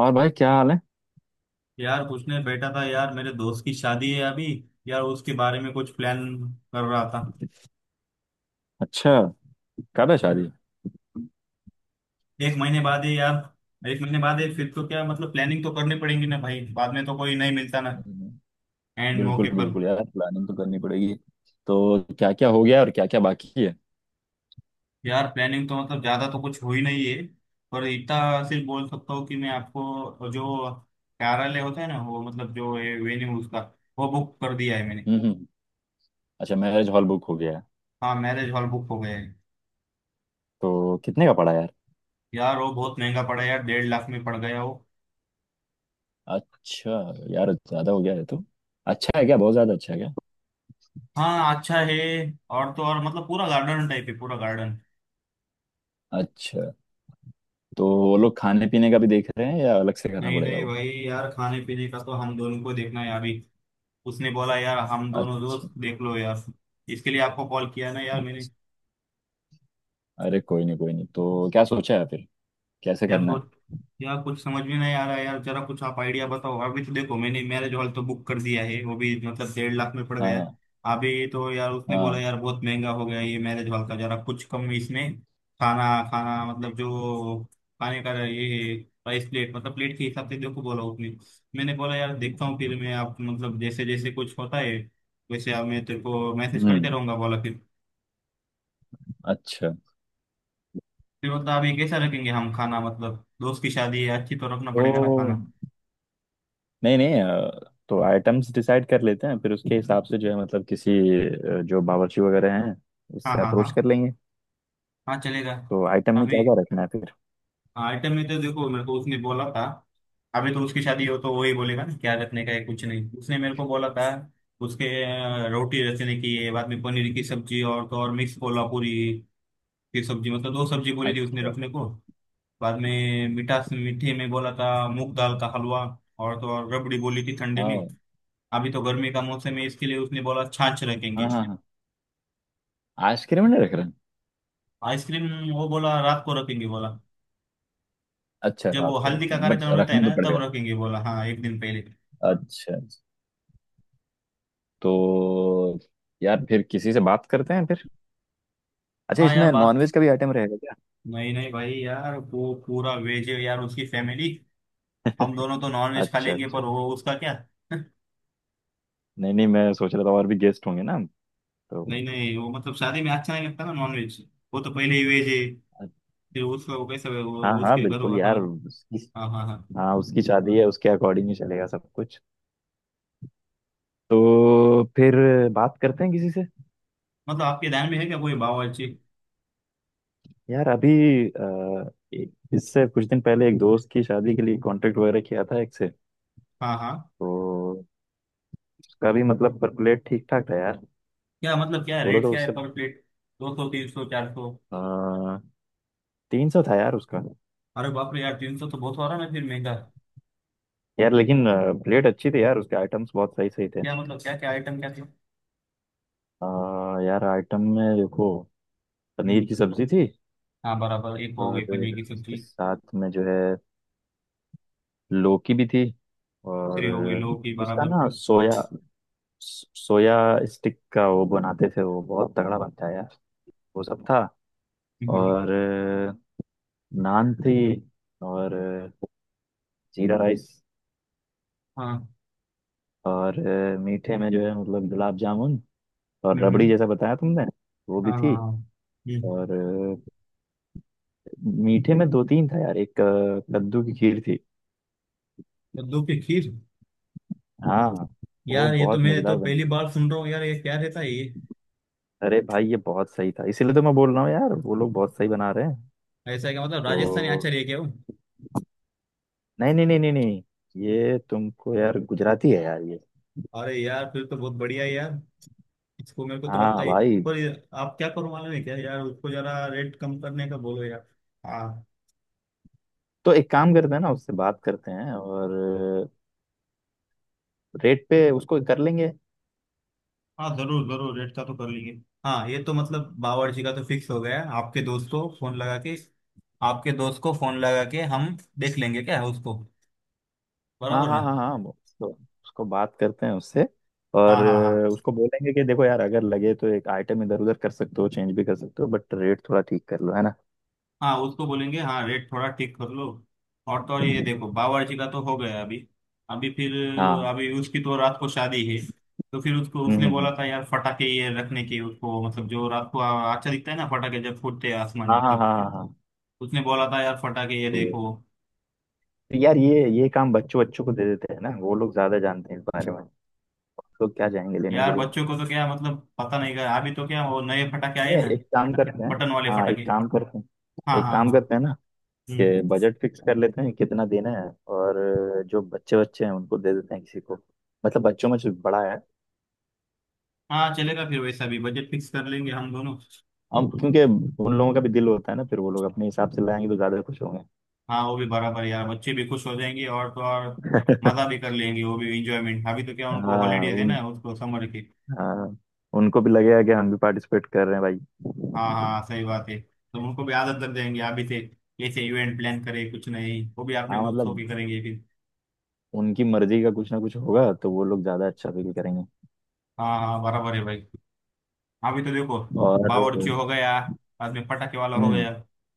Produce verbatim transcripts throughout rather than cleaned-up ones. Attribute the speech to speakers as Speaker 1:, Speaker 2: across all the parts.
Speaker 1: और भाई क्या हाल है?
Speaker 2: यार पूछने बैठा था। यार मेरे दोस्त की शादी है अभी। यार उसके बारे में कुछ प्लान कर रहा था।
Speaker 1: अच्छा। कर रहे शादी।
Speaker 2: एक महीने बाद है यार। एक महीने बाद है। फिर तो क्या मतलब प्लानिंग तो करनी पड़ेगी ना भाई। बाद में तो कोई नहीं मिलता ना।
Speaker 1: हम्म।
Speaker 2: एंड मौके
Speaker 1: बिल्कुल
Speaker 2: पर।
Speaker 1: बिल्कुल यार, प्लानिंग तो करनी पड़ेगी। तो क्या क्या हो गया और क्या क्या बाकी है?
Speaker 2: यार प्लानिंग तो मतलब ज्यादा तो कुछ हुई नहीं है। पर इतना सिर्फ बोल सकता हूँ कि मैं आपको जो कार्यालय होता है ना वो मतलब जो वेन्यू उसका वो बुक कर दिया है मैंने।
Speaker 1: हम्म हम्म। अच्छा, मैरिज हॉल बुक हो गया है।
Speaker 2: हाँ मैरिज हॉल बुक हो गया है।
Speaker 1: तो कितने का पड़ा यार?
Speaker 2: यार वो बहुत महंगा पड़ा यार। डेढ़ लाख में पड़ गया वो।
Speaker 1: अच्छा। यार ज्यादा हो गया है तो। अच्छा है क्या, बहुत ज्यादा अच्छा है क्या?
Speaker 2: हाँ अच्छा है। और तो और मतलब पूरा गार्डन टाइप है। पूरा गार्डन।
Speaker 1: अच्छा। तो वो लोग खाने पीने का भी देख रहे हैं या अलग से करना
Speaker 2: नहीं
Speaker 1: पड़ेगा
Speaker 2: नहीं
Speaker 1: वो?
Speaker 2: भाई यार खाने पीने का तो हम दोनों को देखना है अभी। उसने बोला यार हम दोनों
Speaker 1: अच्छा
Speaker 2: दोस्त देख लो यार। इसके लिए आपको कॉल किया ना यार मैंने।
Speaker 1: अच्छा। अरे कोई नहीं कोई नहीं, तो क्या सोचा है फिर, कैसे
Speaker 2: यार
Speaker 1: करना है?
Speaker 2: सोच। यार कुछ समझ में नहीं आ रहा है यार। जरा कुछ आप आइडिया बताओ। अभी तो देखो मैंने मैरिज हॉल तो बुक कर दिया है। वो भी मतलब डेढ़ लाख में पड़ गया है।
Speaker 1: हाँ
Speaker 2: अभी तो यार उसने बोला
Speaker 1: हाँ।
Speaker 2: यार बहुत महंगा हो गया ये मैरिज हॉल का। जरा कुछ कम इसमें। खाना। खाना मतलब जो खाने का ये प्राइस प्लेट मतलब प्लेट के हिसाब से देखो बोला उसने। मैंने बोला यार देखता हूँ। फिर मैं आप मतलब जैसे जैसे कुछ होता है वैसे आप मैं तेरे को मैसेज करते
Speaker 1: हम्म।
Speaker 2: रहूंगा बोला फिर।
Speaker 1: अच्छा।
Speaker 2: फिर मतलब अभी कैसा रखेंगे हम खाना। मतलब दोस्त की शादी है अच्छी तो रखना पड़ेगा ना
Speaker 1: तो
Speaker 2: खाना।
Speaker 1: नहीं नहीं, अ, तो आइटम्स डिसाइड कर लेते हैं फिर उसके हिसाब से जो है, मतलब किसी अ, जो बावर्ची वगैरह हैं
Speaker 2: हाँ
Speaker 1: उससे
Speaker 2: हाँ हाँ।
Speaker 1: अप्रोच कर लेंगे।
Speaker 2: हाँ चलेगा।
Speaker 1: तो आइटम में
Speaker 2: अभी
Speaker 1: क्या क्या रखना है फिर?
Speaker 2: आइटम में तो देखो मेरे को उसने बोला था। अभी तो उसकी शादी हो तो वही बोलेगा ना क्या रखने का है। कुछ नहीं उसने मेरे को बोला था उसके अ, रोटी रखने की है। बाद में पनीर की सब्जी और तो और मिक्स कोल्हापुरी की सब्जी। मतलब दो सब्जी बोली थी उसने
Speaker 1: अच्छा।
Speaker 2: रखने को। बाद में मिठास मीठे में बोला था मूंग दाल का हलवा। और तो और रबड़ी बोली थी ठंडे में।
Speaker 1: हाँ
Speaker 2: अभी तो गर्मी का मौसम है। इसके लिए उसने बोला छाछ रखेंगे।
Speaker 1: हाँ हाँ हाँ। आइसक्रीम नहीं रख रहे हैं?
Speaker 2: आइसक्रीम। वो बोला रात को रखेंगे बोला।
Speaker 1: अच्छा,
Speaker 2: जब वो
Speaker 1: रात को
Speaker 2: हल्दी का
Speaker 1: रखेंगे बट
Speaker 2: कार्यक्रम रहता है
Speaker 1: रखना तो
Speaker 2: ना तब
Speaker 1: पड़ेगा।
Speaker 2: रखेंगे बोला। हाँ एक दिन पहले।
Speaker 1: अच्छा। तो यार फिर किसी से बात करते हैं फिर। अच्छा,
Speaker 2: हाँ यार
Speaker 1: इसमें
Speaker 2: बात।
Speaker 1: नॉनवेज का भी आइटम रहेगा क्या?
Speaker 2: नहीं नहीं भाई यार वो पूरा वेज है यार उसकी फैमिली। हम दोनों तो नॉन वेज खा
Speaker 1: अच्छा
Speaker 2: लेंगे
Speaker 1: अच्छा,
Speaker 2: पर वो उसका क्या।
Speaker 1: नहीं नहीं, मैं सोच रहा था और भी गेस्ट होंगे ना, तो।
Speaker 2: नहीं नहीं वो मतलब शादी में अच्छा नहीं लगता ना नॉन वेज। वो तो पहले ही वेज है। फिर उसका वो कैसा है,
Speaker 1: हाँ
Speaker 2: वो
Speaker 1: हाँ,
Speaker 2: उसके घर
Speaker 1: बिल्कुल
Speaker 2: होगा हाँ।
Speaker 1: यार।
Speaker 2: हाँ हाँ हाँ।
Speaker 1: हाँ, उसकी शादी है, उसके अकॉर्डिंग ही चलेगा सब कुछ। तो फिर बात करते हैं किसी से।
Speaker 2: मतलब आपके ध्यान में है क्या कोई बावर्ची।
Speaker 1: यार अभी अ, एक- इससे कुछ दिन पहले एक दोस्त की शादी के लिए कांटेक्ट वगैरह किया था एक से।
Speaker 2: हाँ हाँ।
Speaker 1: तो उसका भी मतलब पर प्लेट ठीक ठाक था यार।
Speaker 2: क्या मतलब क्या
Speaker 1: बोलो
Speaker 2: रेट
Speaker 1: तो
Speaker 2: क्या है
Speaker 1: उससे।
Speaker 2: पर प्लेट। दो सौ तीन सौ चार सौ।
Speaker 1: बात, तीन सौ था यार उसका।
Speaker 2: अरे बाप रे यार तीन सौ तो बहुत हो रहा है ना फिर महंगा।
Speaker 1: यार लेकिन प्लेट अच्छी थी यार, उसके आइटम्स बहुत सही सही थे। अ,
Speaker 2: क्या मतलब क्या क्या आइटम क्या क्या।
Speaker 1: यार आइटम में देखो, पनीर
Speaker 2: हम्म।
Speaker 1: की सब्जी थी।
Speaker 2: हाँ बराबर एक हो गई
Speaker 1: और
Speaker 2: पनीर की
Speaker 1: उसके
Speaker 2: सब्जी।
Speaker 1: साथ में जो है लौकी भी थी। और
Speaker 2: दूसरी हो गई लौकी
Speaker 1: उसका
Speaker 2: बराबर।
Speaker 1: ना सोया, सोया स्टिक का वो बनाते थे, वो बहुत तगड़ा बनता है यार। वो सब था।
Speaker 2: हम्म,
Speaker 1: और नान थी। और जीरा राइस।
Speaker 2: हाँ
Speaker 1: और मीठे में जो है मतलब गुलाब जामुन और रबड़ी
Speaker 2: हम्म,
Speaker 1: जैसा बताया तुमने वो भी
Speaker 2: हाँ हाँ
Speaker 1: थी।
Speaker 2: हाँ हम्म।
Speaker 1: और मीठे में दो तीन था यार, एक कद्दू की खीर थी।
Speaker 2: कद्दू की खीर।
Speaker 1: हाँ, वो
Speaker 2: यार ये तो
Speaker 1: बहुत
Speaker 2: मैं तो
Speaker 1: मजेदार
Speaker 2: पहली
Speaker 1: बनती।
Speaker 2: बार सुन रहा हूँ यार ये क्या रहता है ये।
Speaker 1: अरे भाई ये बहुत सही था, इसीलिए तो मैं बोल रहा हूँ यार, वो लोग बहुत सही बना रहे हैं।
Speaker 2: ऐसा है क्या मतलब
Speaker 1: तो
Speaker 2: राजस्थानी आचार है क्या वो।
Speaker 1: नहीं नहीं नहीं नहीं नहीं, ये तुमको यार गुजराती है यार ये।
Speaker 2: अरे यार फिर तो बहुत बढ़िया है यार। इसको मेरे को तो लगता
Speaker 1: हाँ
Speaker 2: है।
Speaker 1: भाई।
Speaker 2: पर ये- आप क्या करो मालूम है क्या यार उसको जरा रेट कम करने का बोलो यार। हाँ।
Speaker 1: तो एक काम करते हैं ना, उससे बात करते हैं और रेट पे उसको कर लेंगे।
Speaker 2: हाँ जरूर जरूर रेट का तो कर लेंगे। हाँ ये तो मतलब बावर्ची का तो फिक्स हो गया है। आपके दोस्त को फोन लगा के आपके दोस्त को फोन लगा के हम देख लेंगे क्या है उसको।
Speaker 1: हाँ
Speaker 2: बराबर
Speaker 1: हाँ
Speaker 2: ना।
Speaker 1: हाँ हाँ उसको, उसको बात करते हैं उससे।
Speaker 2: हाँ
Speaker 1: और
Speaker 2: हाँ हाँ
Speaker 1: उसको बोलेंगे कि देखो यार, अगर लगे तो एक आइटम इधर उधर कर सकते हो, चेंज भी कर सकते हो, बट रेट थोड़ा ठीक कर लो है ना।
Speaker 2: हाँ उसको बोलेंगे हाँ रेट थोड़ा ठीक कर लो। और तो और ये देखो बावर्ची का तो हो गया अभी। अभी फिर
Speaker 1: हाँ।
Speaker 2: अभी उसकी तो रात को शादी है। तो फिर उसको
Speaker 1: हम्म
Speaker 2: उसने
Speaker 1: हम्म
Speaker 2: बोला
Speaker 1: हम्म।
Speaker 2: था यार फटाके ये रखने की उसको मतलब जो रात को आ- अच्छा दिखता है ना फटाके जब फूटते हैं आसमान
Speaker 1: हाँ
Speaker 2: में
Speaker 1: हाँ हाँ
Speaker 2: तब।
Speaker 1: हाँ हाँ।
Speaker 2: उसने बोला था यार फटाके ये
Speaker 1: तो
Speaker 2: देखो।
Speaker 1: तो यार, ये ये काम बच्चों बच्चों को दे देते हैं ना, वो लोग ज्यादा जानते हैं इस बारे में। लोग क्या जाएंगे लेने के
Speaker 2: यार
Speaker 1: लिए।
Speaker 2: बच्चों को तो क्या मतलब पता नहीं क्या अभी तो क्या वो नए फटाके आए
Speaker 1: ये
Speaker 2: ना।
Speaker 1: एक काम करते हैं।
Speaker 2: बटन वाले
Speaker 1: हाँ एक
Speaker 2: फटाके।
Speaker 1: काम करते
Speaker 2: हाँ
Speaker 1: हैं, एक
Speaker 2: हाँ
Speaker 1: काम
Speaker 2: हाँ
Speaker 1: करते हैं ना
Speaker 2: हम्म।
Speaker 1: कि बजट फिक्स कर लेते हैं कितना देना है। और जो बच्चे बच्चे हैं उनको दे देते हैं किसी को, मतलब बच्चों में जो बड़ा है।
Speaker 2: हाँ चलेगा फिर वैसा भी बजट फिक्स कर लेंगे हम दोनों।
Speaker 1: हम, क्योंकि उन लोगों का भी दिल होता है ना, फिर वो लोग अपने हिसाब से लाएंगे तो ज्यादा खुश होंगे।
Speaker 2: हाँ वो भी बराबर यार बच्चे भी खुश हो जाएंगे और तो और मजा भी कर लेंगे वो भी इंजॉयमेंट। अभी तो क्या उनको
Speaker 1: हाँ
Speaker 2: हॉलीडेज है
Speaker 1: उन
Speaker 2: ना उसको समर की।
Speaker 1: हाँ उनको भी लगेगा कि हम भी पार्टिसिपेट कर रहे हैं भाई।
Speaker 2: हाँ हाँ सही बात है तो उनको भी आदत लग जाएंगे अभी से। ऐसे इवेंट प्लान करें कुछ नहीं वो भी अपने
Speaker 1: हाँ
Speaker 2: लोग सो
Speaker 1: मतलब
Speaker 2: के करेंगे फिर।
Speaker 1: उनकी मर्जी का कुछ ना कुछ होगा तो वो लोग ज्यादा अच्छा फील करेंगे।
Speaker 2: हाँ हाँ बराबर है भाई। अभी तो देखो
Speaker 1: और।
Speaker 2: बावर्ची हो गया। बाद में पटाखे वाला हो
Speaker 1: हम्म
Speaker 2: गया।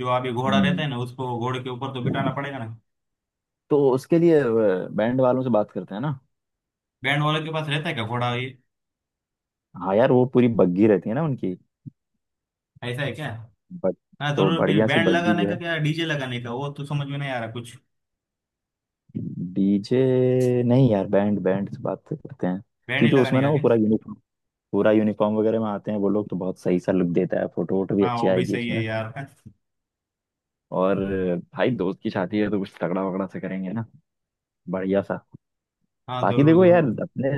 Speaker 2: जो अभी घोड़ा रहता
Speaker 1: हम्म।
Speaker 2: है ना उसको घोड़े के ऊपर तो बिठाना पड़ेगा ना।
Speaker 1: तो उसके लिए बैंड वालों से बात करते हैं ना।
Speaker 2: बैंड वाले के पास रहता है क्या घोड़ा ये।
Speaker 1: हाँ यार वो पूरी बग्गी रहती है ना उनकी।
Speaker 2: ऐसा है क्या।
Speaker 1: बट।
Speaker 2: हाँ
Speaker 1: तो
Speaker 2: जरूर फिर
Speaker 1: बढ़िया सी
Speaker 2: बैंड
Speaker 1: बग्गी
Speaker 2: लगाने
Speaker 1: जो
Speaker 2: का
Speaker 1: है।
Speaker 2: क्या डीजे लगाने का वो तो समझ में नहीं आ रहा कुछ।
Speaker 1: डीजे, नहीं यार, बैंड, बैंड से बात करते हैं।
Speaker 2: बैंड ही
Speaker 1: क्योंकि
Speaker 2: लगाने
Speaker 1: उसमें ना
Speaker 2: का
Speaker 1: वो
Speaker 2: क्या।
Speaker 1: पूरा यूनिफॉर्म, पूरा यूनिफॉर्म वगैरह में आते हैं वो लोग, तो बहुत सही सा लुक देता है, फोटो वोटो भी
Speaker 2: हाँ
Speaker 1: अच्छी
Speaker 2: वो भी
Speaker 1: आएगी
Speaker 2: सही है
Speaker 1: इसमें।
Speaker 2: यार।
Speaker 1: और भाई दोस्त की शादी है तो कुछ तगड़ा वगड़ा से करेंगे ना, बढ़िया सा।
Speaker 2: हाँ
Speaker 1: बाकी
Speaker 2: जरूर
Speaker 1: देखो यार,
Speaker 2: जरूर।
Speaker 1: अपने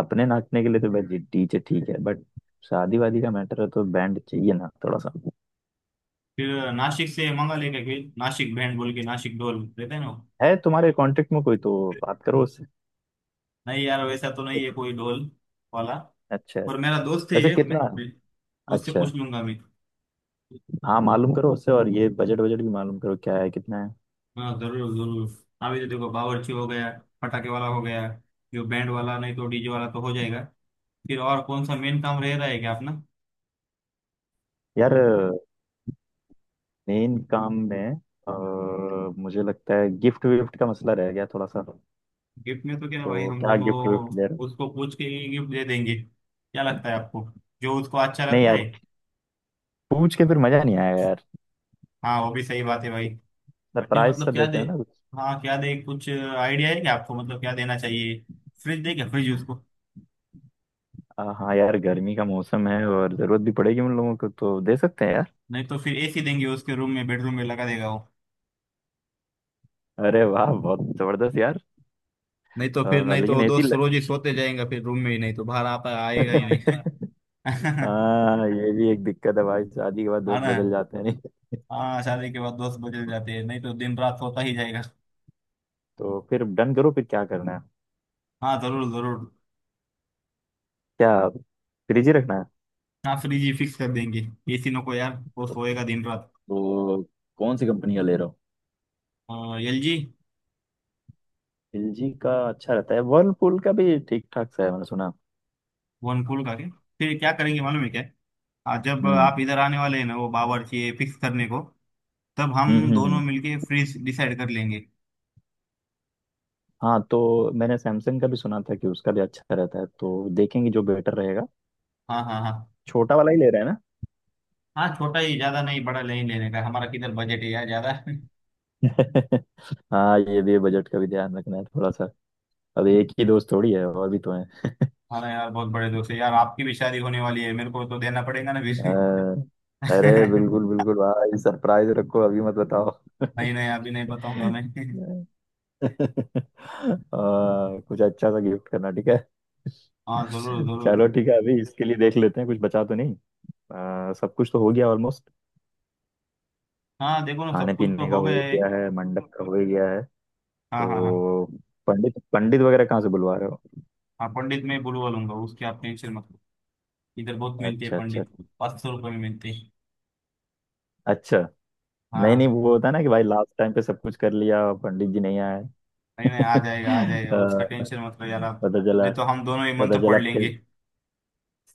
Speaker 1: अपने नाचने के लिए तो भाई डीजे ठीक है, बट शादी वादी का मैटर है तो बैंड चाहिए ना थोड़ा सा।
Speaker 2: फिर नासिक से मंगा लेंगे फिर नासिक बैंड बोल के नासिक ढोल देते हैं ना वो?
Speaker 1: है तुम्हारे कांटेक्ट में कोई तो बात करो उससे।
Speaker 2: नहीं यार वैसा तो नहीं है
Speaker 1: कित-
Speaker 2: कोई ढोल वाला।
Speaker 1: अच्छा है।
Speaker 2: पर मेरा दोस्त है
Speaker 1: वैसे
Speaker 2: एक।
Speaker 1: कितना मैं।
Speaker 2: मैं उससे
Speaker 1: अच्छा।
Speaker 2: पूछ लूंगा मैं।
Speaker 1: हाँ मालूम करो उससे, और ये बजट, बजट भी मालूम करो क्या है, कितना है।
Speaker 2: हाँ जरूर जरूर। अभी तो देखो बावर्ची हो गया। पटाखे वाला हो गया। जो बैंड वाला नहीं तो डीजे वाला तो हो जाएगा। फिर और कौन सा मेन काम रह रहा है क्या अपना।
Speaker 1: यार मेन काम में अ, मुझे लगता है गिफ्ट विफ्ट का मसला रह गया थोड़ा सा।
Speaker 2: गिफ्ट में तो क्या भाई
Speaker 1: तो
Speaker 2: हम
Speaker 1: क्या
Speaker 2: दोनों
Speaker 1: गिफ्ट विफ्ट दे रहे हो?
Speaker 2: उसको पूछ के गिफ्ट दे देंगे क्या लगता है आपको जो उसको अच्छा
Speaker 1: नहीं
Speaker 2: लगता
Speaker 1: यार,
Speaker 2: है।
Speaker 1: पूछ के फिर मजा नहीं आएगा यार,
Speaker 2: हाँ वो भी सही बात है भाई। फिर
Speaker 1: सरप्राइज सा
Speaker 2: मतलब क्या दे।
Speaker 1: देते हैं ना कुछ।
Speaker 2: हाँ क्या दे कुछ आइडिया है क्या आपको मतलब क्या देना चाहिए। फ्रिज दे क्या फ्रिज उसको।
Speaker 1: अ, हाँ यार गर्मी का मौसम है और जरूरत भी पड़ेगी उन लोगों को, तो दे सकते हैं यार।
Speaker 2: नहीं तो फिर एसी देंगे उसके रूम में बेडरूम में लगा देगा वो।
Speaker 1: अरे वाह, बहुत जबरदस्त यार।
Speaker 2: नहीं तो फिर
Speaker 1: अ,
Speaker 2: नहीं तो
Speaker 1: लेकिन
Speaker 2: वो
Speaker 1: एसी।
Speaker 2: दोस्त रोज ही सोते जाएगा फिर रूम में ही नहीं तो बाहर आता आएगा ही नहीं है
Speaker 1: हाँ ये भी एक दिक्कत है भाई, शादी के बाद दोस्त
Speaker 2: ना।
Speaker 1: बदल जाते हैं नहीं।
Speaker 2: हाँ शादी के बाद दोस्त बदल जाते हैं नहीं तो दिन रात सोता ही जाएगा।
Speaker 1: तो फिर डन करो फिर, क्या करना है?
Speaker 2: हाँ जरूर जरूर।
Speaker 1: क्या फ्रिज ही रखना है?
Speaker 2: हाँ फ्रिज ही फिक्स कर देंगे। एसी नो को यार वो
Speaker 1: ओके।
Speaker 2: सोएगा दिन रात।
Speaker 1: तो कौन सी कंपनी का ले रहा हूँ?
Speaker 2: L G.
Speaker 1: एलजी का अच्छा रहता है, वर्लपूल का भी ठीक ठाक सा है मैंने सुना।
Speaker 2: वन पूल का क्या। फिर क्या करेंगे मालूम है क्या। हाँ जब
Speaker 1: हम्म
Speaker 2: आप इधर आने वाले हैं ना वो बावर्ची फिक्स करने को तब
Speaker 1: हम्म
Speaker 2: हम
Speaker 1: हम्म
Speaker 2: दोनों
Speaker 1: हम्म।
Speaker 2: मिलके फ्रीज डिसाइड कर लेंगे।
Speaker 1: हाँ तो मैंने सैमसंग का भी सुना था कि उसका भी अच्छा रहता है, तो देखेंगे जो बेटर रहेगा।
Speaker 2: हाँ हाँ हाँ।
Speaker 1: छोटा वाला ही ले रहे हैं ना।
Speaker 2: हाँ छोटा ही ज्यादा नहीं बड़ा नहीं लेने का है। हमारा किधर बजट है यार ज्यादा।
Speaker 1: हाँ ये भी बजट का भी ध्यान रखना है थोड़ा सा। अब एक ही दोस्त थोड़ी है, और भी तो है।
Speaker 2: हाँ यार बहुत बड़े दोस्त है यार आपकी भी शादी होने वाली है मेरे को तो देना पड़ेगा ना बीच में
Speaker 1: हाँ। अरे
Speaker 2: नहीं।
Speaker 1: बिल्कुल बिल्कुल भाई, सरप्राइज रखो अभी मत बताओ।
Speaker 2: नहीं अभी नहीं बताऊंगा मैं।
Speaker 1: आ, कुछ अच्छा सा गिफ्ट करना ठीक है।
Speaker 2: हाँ जरूर जरूर।
Speaker 1: चलो ठीक है, अभी इसके लिए देख लेते हैं कुछ बचा तो नहीं। आ, सब कुछ तो हो गया ऑलमोस्ट।
Speaker 2: हाँ देखो ना
Speaker 1: खाने
Speaker 2: सब कुछ तो
Speaker 1: पीने का
Speaker 2: हो
Speaker 1: हो
Speaker 2: गया है।
Speaker 1: गया है, मंडप का हो गया है।
Speaker 2: हाँ हाँ हाँ।
Speaker 1: तो पंडित, पंडित वगैरह कहाँ से बुलवा रहे हो?
Speaker 2: हाँ पंडित मैं बुलवा लूंगा उसकी आप टेंशन मत लो। इधर बहुत मिलते हैं
Speaker 1: अच्छा अच्छा।
Speaker 2: पंडित। पाँच सौ रुपये में मिलते हैं।
Speaker 1: अच्छा। नहीं नहीं,
Speaker 2: हाँ।
Speaker 1: वो होता है ना कि भाई लास्ट टाइम पे सब कुछ कर लिया, पंडित जी नहीं आए।
Speaker 2: नहीं नहीं आ
Speaker 1: अ,
Speaker 2: जाएगा आ जाएगा उसका टेंशन मत लो यार आप।
Speaker 1: पता चला।
Speaker 2: नहीं तो हम दोनों ही
Speaker 1: पता
Speaker 2: मंत्र
Speaker 1: चला
Speaker 2: पढ़ लेंगे।
Speaker 1: फिर।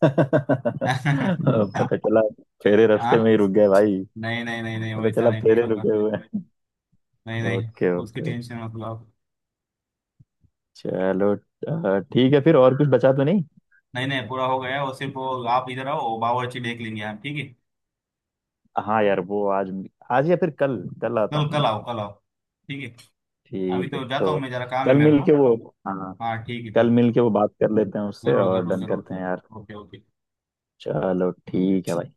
Speaker 1: पता चला फेरे रास्ते में
Speaker 2: हाँ।
Speaker 1: ही रुक गए भाई।
Speaker 2: नहीं नहीं नहीं नहीं
Speaker 1: पता
Speaker 2: वैसा
Speaker 1: चला
Speaker 2: नहीं कुछ
Speaker 1: फेरे
Speaker 2: होगा।
Speaker 1: रुके हुए हैं।
Speaker 2: नहीं नहीं
Speaker 1: ओके
Speaker 2: उसकी
Speaker 1: ओके।
Speaker 2: टेंशन मत लो आप।
Speaker 1: चलो अ, ठीक है फिर, और कुछ बचा तो नहीं।
Speaker 2: नहीं नहीं पूरा हो गया वो सिर्फ वो। आप इधर आओ वो बावर्ची देख लेंगे हम ठीक है।
Speaker 1: हाँ यार वो आज, आज या फिर कल, कल आता
Speaker 2: कल कल
Speaker 1: हूँ।
Speaker 2: आओ कल आओ। ठीक है। अभी
Speaker 1: ठीक है
Speaker 2: तो जाता
Speaker 1: तो
Speaker 2: हूँ मैं जरा काम है
Speaker 1: कल
Speaker 2: मेरे
Speaker 1: मिल
Speaker 2: को।
Speaker 1: के वो, हाँ,
Speaker 2: हाँ ठीक है
Speaker 1: कल
Speaker 2: ठीक।
Speaker 1: मिल के वो बात कर लेते हैं उससे
Speaker 2: जरूर
Speaker 1: और
Speaker 2: जरूर
Speaker 1: डन
Speaker 2: जरूर।
Speaker 1: करते हैं यार।
Speaker 2: Okay okay.
Speaker 1: चलो ठीक है भाई।